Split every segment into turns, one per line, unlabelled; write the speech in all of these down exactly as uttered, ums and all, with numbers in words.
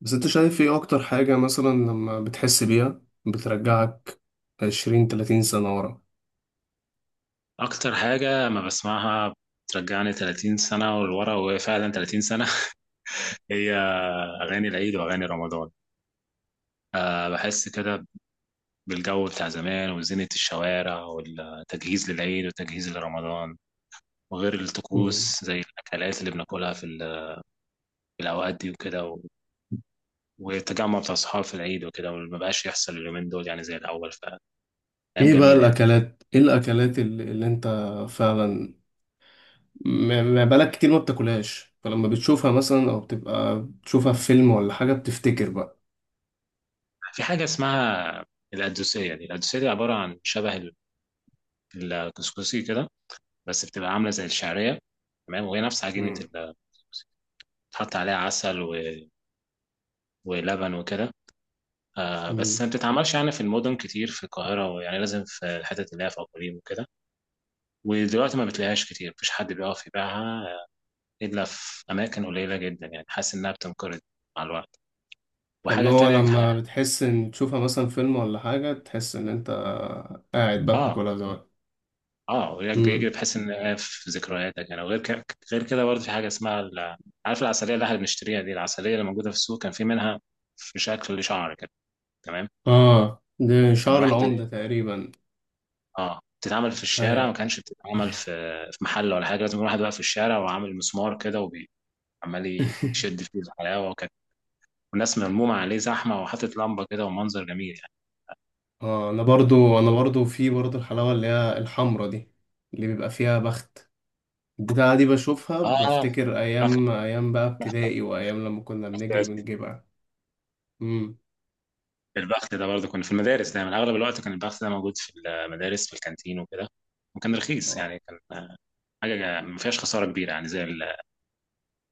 بس انت شايف ايه اكتر حاجة مثلا لما بتحس بيها بترجعك عشرين تلاتين سنة ورا؟
أكتر حاجة ما بسمعها بترجعني 30 سنة ولورا، وهي فعلا 30 سنة هي أغاني العيد وأغاني رمضان. أه بحس كده بالجو بتاع زمان وزينة الشوارع والتجهيز للعيد والتجهيز لرمضان، وغير
مم.
الطقوس زي الأكلات اللي بناكلها في ال- في الأوقات دي وكده، و- والتجمع بتاع الصحاب في العيد وكده، وما بقاش يحصل اليومين دول يعني زي الأول، فأيام
ايه بقى
جميلة يعني.
الاكلات ايه الاكلات اللي, اللي انت؟ فعلا. ما ما بالك كتير ما بتاكلهاش، فلما بتشوفها مثلا او بتبقى بتشوفها في فيلم ولا حاجه بتفتكر بقى؟
في حاجة اسمها القدوسية، دي القدوسية دي عبارة عن شبه ال- الكسكسي كده، بس بتبقى عامله زي الشعريه، تمام، وهي نفس عجينه
مم.
ال- بتحط عليها عسل و... ولبن وكده. آه بس
مم.
ما بتتعملش يعني في المدن كتير في القاهره، ويعني لازم في الحتت اللي هي في اقاليم وكده. ودلوقتي ما بتلاقيهاش كتير، مفيش حد بيقف يبيعها الا في اماكن قليله جدا، يعني حاسس انها بتنقرض مع الوقت.
فاللي
وحاجه
هو
تانية ح-
لما بتحس ان تشوفها مثلا فيلم ولا حاجه تحس ان انت قاعد بقى
اه
بتاكلها زمان.
اه، وياك بيجري
مم.
بحيث ان هي في ذكرياتك يعني. وغير كده، غير كده برضه في حاجه اسمها ال- عارف العسليه اللي احنا بنشتريها دي، العسليه اللي موجوده في السوق كان في منها في شكل شعر كده، تمام،
اه، ده
كان
شعر العمده
واحدة
تقريبا.
اه بتتعمل في الشارع، ما
هي.
كانش بتتعمل في في محل ولا حاجة، لازم يكون واحد واقف في الشارع وعامل مسمار كده وعمال يشد فيه الحلاوة، وكان والناس ملمومة عليه زحمة وحاطط لمبة كده ومنظر جميل يعني.
اه، انا برضو انا برضو في برضو الحلاوه اللي هي الحمرا دي، اللي بيبقى فيها بخت، البتاعة دي بشوفها
اه
بفتكر
البخت،
أيام، أيام بقى ابتدائي وأيام لما كنا بنجري بنجيبها. امم.
البخت ده برضه كنا في المدارس دايما اغلب الوقت كان البخت ده موجود في المدارس في الكانتين وكده، وكان رخيص يعني، كان آه، حاجة ما فيهاش خسارة كبيرة، يعني زي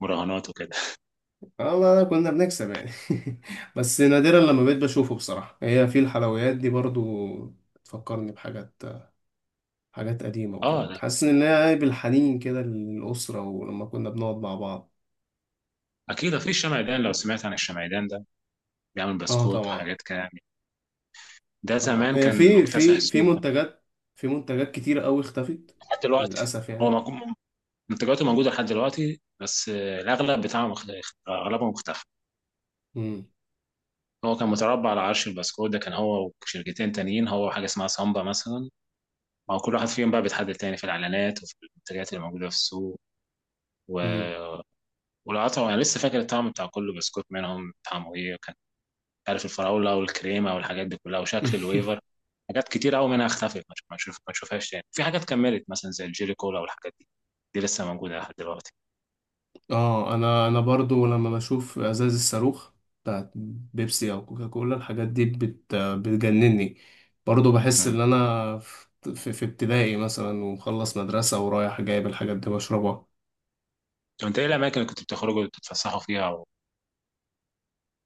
المراهنات وكده.
اه والله كنا بنكسب يعني. بس نادرا لما بقيت بشوفه بصراحة، هي في الحلويات دي برضو تفكرني بحاجات، حاجات قديمة
اه
وكده،
لا،
تحسسني ان هي بالحنين كده للأسرة ولما كنا بنقعد مع بعض.
اكيد في الشمعدان، لو سمعت عن الشمعدان ده بيعمل
اه
بسكوت
طبعا.
وحاجات كده يعني. ده
طبعا
زمان
هي
كان
في
مكتسح
في في
السوق
منتجات، في منتجات كتير قوي اختفت،
لحد دلوقتي.
للأسف
هو
يعني.
مك- منتجاته موجودة لحد دلوقتي، بس آه، الأغلب بتاعه مخ- أغلبه مختفى.
امم.
هو كان متربع على عرش البسكوت ده، كان هو وشركتين تانيين، هو حاجة اسمها سامبا مثلا. ما هو كل واحد فيهم بقى بيتحدد تاني في الإعلانات وفي المنتجات اللي موجودة في السوق و...
امم.
والقطع، أنا لسه فاكر الطعم بتاع كل بسكوت منهم طعمه إيه، عارف الفراوله والكريمه والحاجات دي كلها وشكل الويفر. حاجات كتير قوي منها اختفت، ما ما شوف ما شوفهاش تاني. في حاجات كملت مثلا زي الجيلي كولا والحاجات دي، دي لسه موجوده لحد دلوقتي.
اه، انا انا برضو لما بشوف ازاز الصاروخ بتاعت بيبسي او كوكاكولا، الحاجات دي بت بتجنني، برضو بحس
امم،
ان انا في, في ابتدائي مثلا ومخلص مدرسة ورايح جايب الحاجات دي بشربها.
طب انت ايه الاماكن اللي كنت بتخرجوا تتفسحوا فيها و-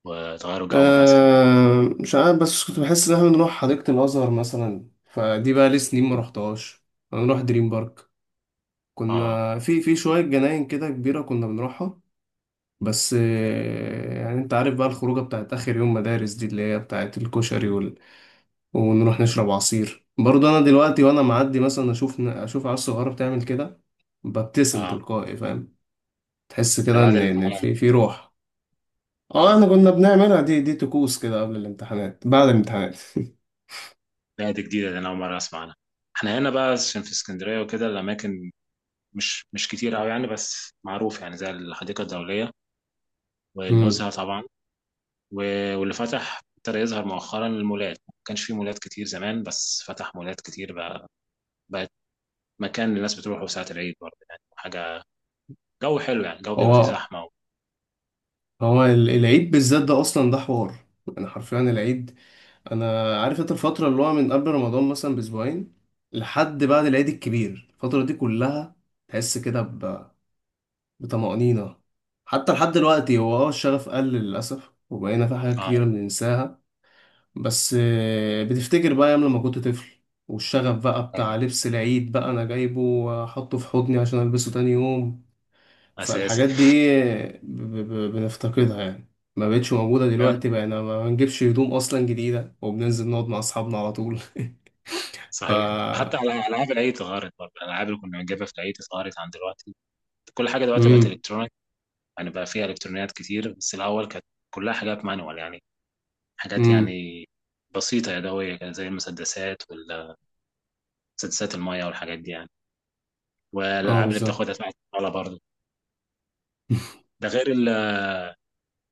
وتغيروا جو مثلا؟
أه، مش عارف، بس كنت بحس ان احنا بنروح حديقة الازهر مثلا، فدي بقى لي سنين ما رحتهاش. انا بنروح دريم بارك،
اه
كنا في في شوية جناين كده كبيرة كنا بنروحها. بس آه، يعني انت عارف بقى الخروجه بتاعت اخر يوم مدارس دي، اللي هي بتاعت الكشري، ونروح نشرب عصير برضه. انا دلوقتي وانا معدي مثلا اشوف اشوف عيال صغيره بتعمل كده ببتسم
اه،
تلقائي، فاهم؟ تحس
ده
كده
بعد
ان إن
الامتحانات.
في في روح. اه
اه
احنا كنا بنعملها، دي دي طقوس كده قبل الامتحانات بعد الامتحانات.
لا، دي جديده، ده انا اول مره اسمع عنها. احنا هنا بقى عشان في اسكندريه وكده، الاماكن مش مش كتير قوي يعني، بس معروف يعني زي الحديقه الدوليه
امم.
والنزهه طبعا، و- واللي فتح ابتدى يظهر مؤخرا المولات، ما كانش في مولات كتير زمان بس فتح مولات كتير بقى، بقت مكان الناس بتروحه ساعة العيد برضه، يعني حاجة جو حلو يعني، جو بيبقى فيه
هو
زحمة و...
هو ال- العيد بالذات ده اصلا ده حوار، انا حرفيا العيد. انا عارف انت الفتره اللي هو من قبل رمضان مثلا باسبوعين لحد بعد العيد الكبير، الفتره دي كلها تحس كده بطمأنينة. حتى لحد دلوقتي هو اه الشغف قل للأسف، وبقينا في حاجات
اه
كتيرة بننساها. بس آه، بتفتكر بقى أيام لما كنت طفل، والشغف بقى بتاع
صحيح.
لبس العيد بقى أنا جايبه وأحطه في حضني عشان ألبسه تاني يوم.
أساسي.
فالحاجات دي آه، ب- ب- بنفتقدها يعني، ما بقتش موجودة دلوقتي، بقينا ما بنجيبش هدوم أصلا جديدة وبننزل نقعد مع أصحابنا على طول. ف
صحيح، حتى على ألعاب العيد اتغيرت برضه، الألعاب اللي كنا بنجيبها في العيد اتغيرت عن دلوقتي. كل حاجة دلوقتي بقت
مم.
إلكترونيك، يعني بقى فيها إلكترونيات كتير، بس الأول كانت كلها حاجات مانوال يعني، حاجات
مم.
يعني بسيطة يدوية كده زي المسدسات والمسدسات المية والحاجات دي يعني،
اه
والألعاب اللي
بالظبط.
بتاخدها تحت الطاولة برضه. ده غير ال-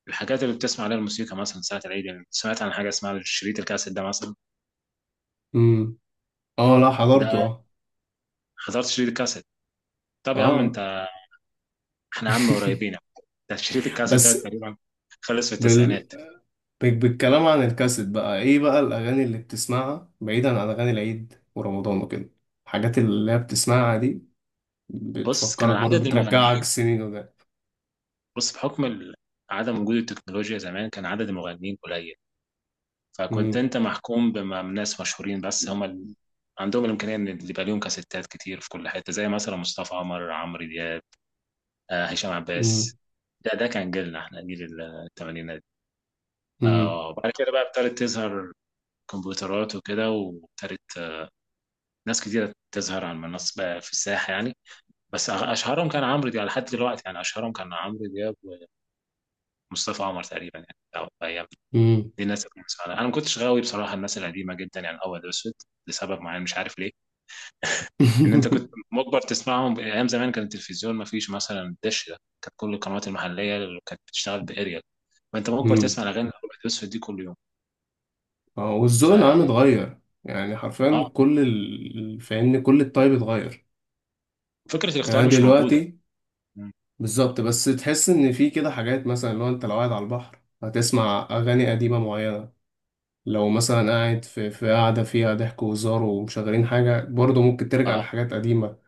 الحاجات اللي بتسمع عليها الموسيقى مثلا ساعة العيد، يعني سمعت عن حاجة اسمها شريط الكاسيت ده مثلا؟
مم. اه، لا،
ده
حضرته اه
حضرت شريط الكاسيت؟ طب يا عم
اه.
انت، احنا عم قريبين. ده شريط الكاسيت ده
بس.
تقريبا خلص في
بال...
التسعينات.
طيب بالكلام عن الكاسيت بقى، ايه بقى الاغاني اللي بتسمعها بعيدا عن اغاني العيد ورمضان وكده؟ الحاجات اللي هي بتسمعها دي
بص كان
بتفكرك برضه،
عدد
بترجعك
المغنيين،
سنين وده؟
بص بحكم ال- عدم وجود التكنولوجيا زمان كان عدد المغنيين قليل، فكنت
امم.
انت محكوم بناس مشهورين بس، هم ال... عندهم الامكانيه ان اللي يبقى ليهم كاسيتات كتير في كل حته، زي مثلا مصطفى عمر، عمرو دياب، آه، هشام
امم.
عباس. ده ده كان جيلنا، احنا جيل الثمانينات.
امم.
آه، وبعد كده بقى ابتدت تظهر كمبيوترات وكده، وابتدت آه، ناس كتيرة تظهر على المنصة بقى، في الساحة يعني. بس أغ- أشهرهم كان عمرو دياب لحد دلوقتي، يعني أشهرهم كان عمرو دياب ومصطفى عمر تقريبا يعني أو أيام.
امم.
دي الناس اللي كنت بسمعها. أنا ما كنتش غاوي بصراحة الناس القديمة جدا يعني أبيض وأسود، لسبب معين مش عارف ليه. إن أنت كنت مجبر تسمعهم أيام زمان، كان التلفزيون ما فيش مثلا دش، ده كانت كل القنوات المحلية اللي كانت بتشتغل بأريال، فأنت مجبر
امم.
تسمع الأغاني الأبيض وأسود دي كل يوم.
اه
ف
والذوق العام اتغير. يعني حرفيا
آه
كل ال... فاهمني كل الطيب اتغير.
فكرة
يعني
الاختيار
أنا
مش موجودة.
دلوقتي.
مم.
بالظبط. بس تحس ان في كده حاجات، مثلا لو انت لو قاعد على البحر هتسمع اغاني قديمة معينة، لو مثلا قاعد في في قاعدة فيها ضحك وهزار ومشغلين حاجة، برضه ممكن ترجع
اه
لحاجات قديمة.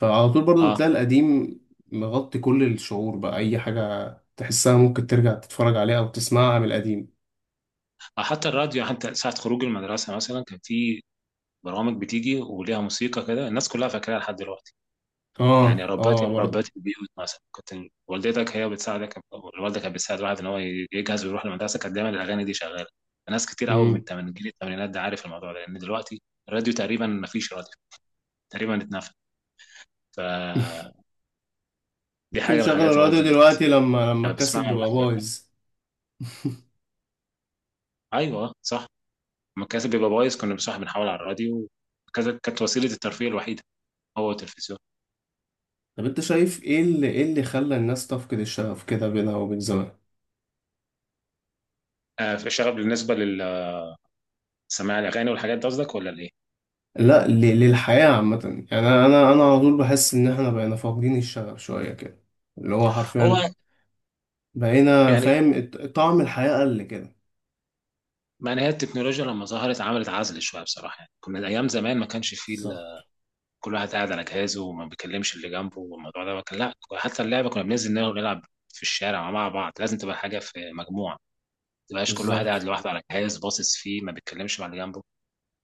فعلى طول برضه
اه،
بتلاقي القديم مغطي كل الشعور، بقى أي حاجة تحسها ممكن ترجع تتفرج عليها أو تسمعها من القديم.
آه، حتى الراديو يعني، حتى ساعة خروج المدرسة مثلا كان في برامج بتيجي وليها موسيقى كده الناس كلها فاكراها لحد دلوقتي. يعني
اه،
ربات
اه،
ربات
برضه.
البيوت مثلا، كنت والدتك هي بتساعدك، أو الوالدة كانت بتساعد الواحد ان هو يجهز ويروح المدرسة، كانت دايما الاغاني دي شغالة. ناس كتير قوي
مم.
من تمن- جيل الثمانينات ده عارف الموضوع ده، لان دلوقتي الراديو تقريبا ما فيش راديو، تقريبا اتنفى. فدي
ممكن
حاجة من
تشغل
الحاجات اللي
الراديو
برضه بت...
دلوقتي لما لما
لما
الكاسيت
بسمعها
بيبقى
الواحد بيرجع،
بايظ.
ايوه صح. لما الكاسيت بيبقى بايظ كنا بنصح بنحاول على الراديو. كذا- كانت وسيلة الترفيه الوحيدة، هو تلفزيون.
طب انت شايف ايه اللي، ايه اللي خلى الناس تفقد الشغف كده بينها وبين زمان؟
آه في شغف بالنسبه للسماع الاغاني والحاجات دي قصدك ولا الايه؟
لا، ل- للحياة عامة. يعني انا انا أنا على طول بحس ان احنا بقينا فاقدين الشغف شوية كده، اللي هو
هو
حرفيا بقينا
يعني
فاهم الط- طعم الحياة قل كده.
ما هي التكنولوجيا لما ظهرت عملت عزل شويه بصراحه، يعني كنا ايام زمان ما كانش فيه
بالظبط،
ال- كل واحد قاعد على جهازه وما بيكلمش اللي جنبه، والموضوع ده كان لا، حتى اللعبه كنا بننزل نلعب نلعب في الشارع مع بعض، لازم تبقى حاجه في مجموعه ما تبقاش كل واحد قاعد
بالظبط.
لوحده على جهاز باصص فيه ما بيتكلمش مع اللي جنبه.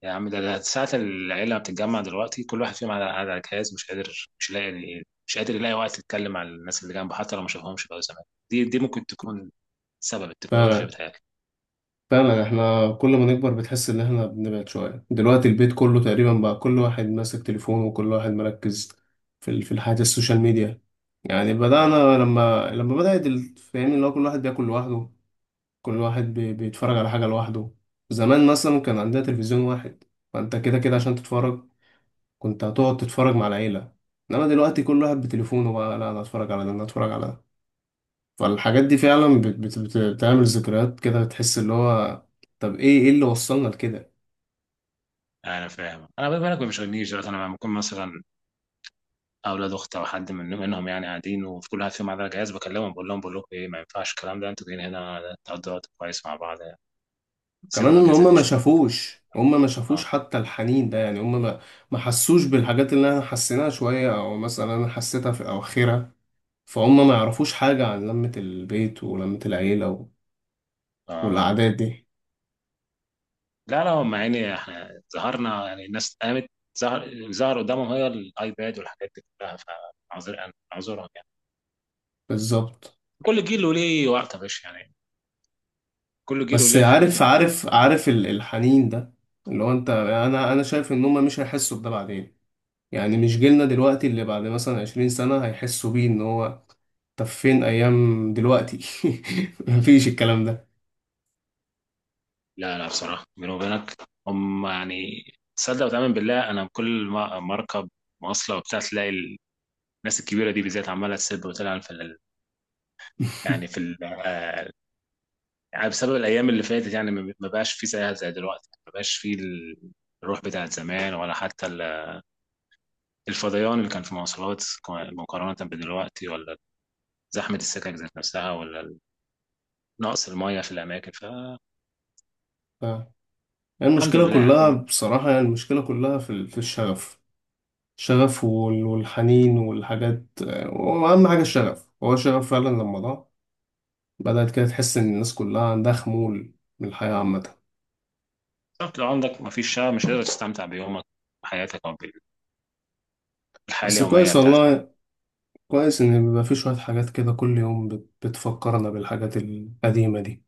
يا عم ده ده ساعة العيلة بتتجمع دلوقتي كل واحد فيهم على على جهاز، مش قادر، مش لاقي يعني، مش قادر يلاقي وقت يتكلم مع الناس اللي جنبه حتى لو ما شافهمش بقى زمان. دي دي ممكن تكون سبب التكنولوجيا،
فعلا،
بتهيألي.
فعلا. احنا كل ما نكبر بتحس ان احنا بنبعد شوية، دلوقتي البيت كله تقريبا بقى كل واحد ماسك تليفونه وكل واحد مركز في ال- في الحياة السوشيال ميديا. يعني
اه
بدأنا لما، لما بدأت ال- فاهمني اللي هو كل واحد بياكل لوحده، كل واحد بي- بيتفرج على حاجة لوحده. زمان مثلا كان عندنا تلفزيون واحد، فانت كده كده عشان تتفرج كنت هتقعد تتفرج مع العيلة. انما دلوقتي كل واحد بتليفونه، بقى لا انا اتفرج على ده انا اتفرج على ده. فالحاجات دي فعلا بت بت بت بتعمل ذكريات كده، بتحس اللي هو، طب ايه ايه اللي وصلنا لكده؟
انا فاهم، انا بما انك ما بيشغلنيش دلوقتي، انا لما بكون مثلا اولاد اخت او حد من منهم يعني قاعدين، وفي كل واحد فيهم على جهاز، بكلمهم بقول لهم، بقول لكم ايه، ما ينفعش الكلام ده، انتوا جايين هنا تقضوا وقت كويس مع بعض، سيبوا
كمان ان
الاجازه
هما
دي
ما
شويه.
شافوش هما ما شافوش
اه
حتى الحنين ده، يعني هما ما ما حسوش بالحاجات اللي انا حسيناها شوية، او مثلا انا حسيتها في اواخرها. فهم ما يعرفوش حاجة عن لمة البيت ولمة العيلة و-
اه.
والعادات دي.
لا لا، هم يعني احنا ظهرنا يعني، الناس قامت، ظهر ظهر قدامهم هي الايباد والحاجات دي كلها، فاعذر اعذرهم يعني.
بالظبط.
كل جيل وليه وقته يا باشا يعني، كل جيل
بس
وليه الحاجات
عارف
الكويسه.
عارف عارف ال- الحنين ده اللي هو انت انا انا شايف ان هما مش هيحسوا بده بعدين، يعني مش جيلنا دلوقتي اللي بعد مثلا عشرين سنة هيحسوا بيه ان هو طب فين ايام دلوقتي؟ مفيش الكلام ده.
لا لا بصراحه بيني وبينك، هم يعني تصدق وتؤمن بالله، انا كل ما ما اركب مواصله وبتاع، تلاقي الناس الكبيره دي بالذات عماله تسب وتلعن في ال- يعني في ال- آه، يعني بسبب الايام اللي فاتت، يعني ما ما بقاش في زيها زي دلوقتي، ما بقاش في الروح بتاعت زمان، ولا حتى ال الفضيان اللي كان في مواصلات مقارنة بدلوقتي، ولا زحمة السكك ذات نفسها، ولا نقص المية في الأماكن، فالحمد
آه. المشكله
لله
كلها
يعني.
بصراحه، يعني المشكله كلها في ال- في الشغف، الشغف وال- والحنين والحاجات، آه، واهم حاجه الشغف، هو الشغف فعلا لما ضاع بدات كده تحس ان الناس كلها عندها خمول من الحياه عامه.
طب لو عندك مفيش شغف، مش هتقدر تستمتع بيومك وحياتك، أو بالحياة
بس
اليومية
كويس والله،
بتاعتك.
كويس ان بيبقى في شويه حاجات كده كل يوم بت- بتفكرنا بالحاجات القديمه دي.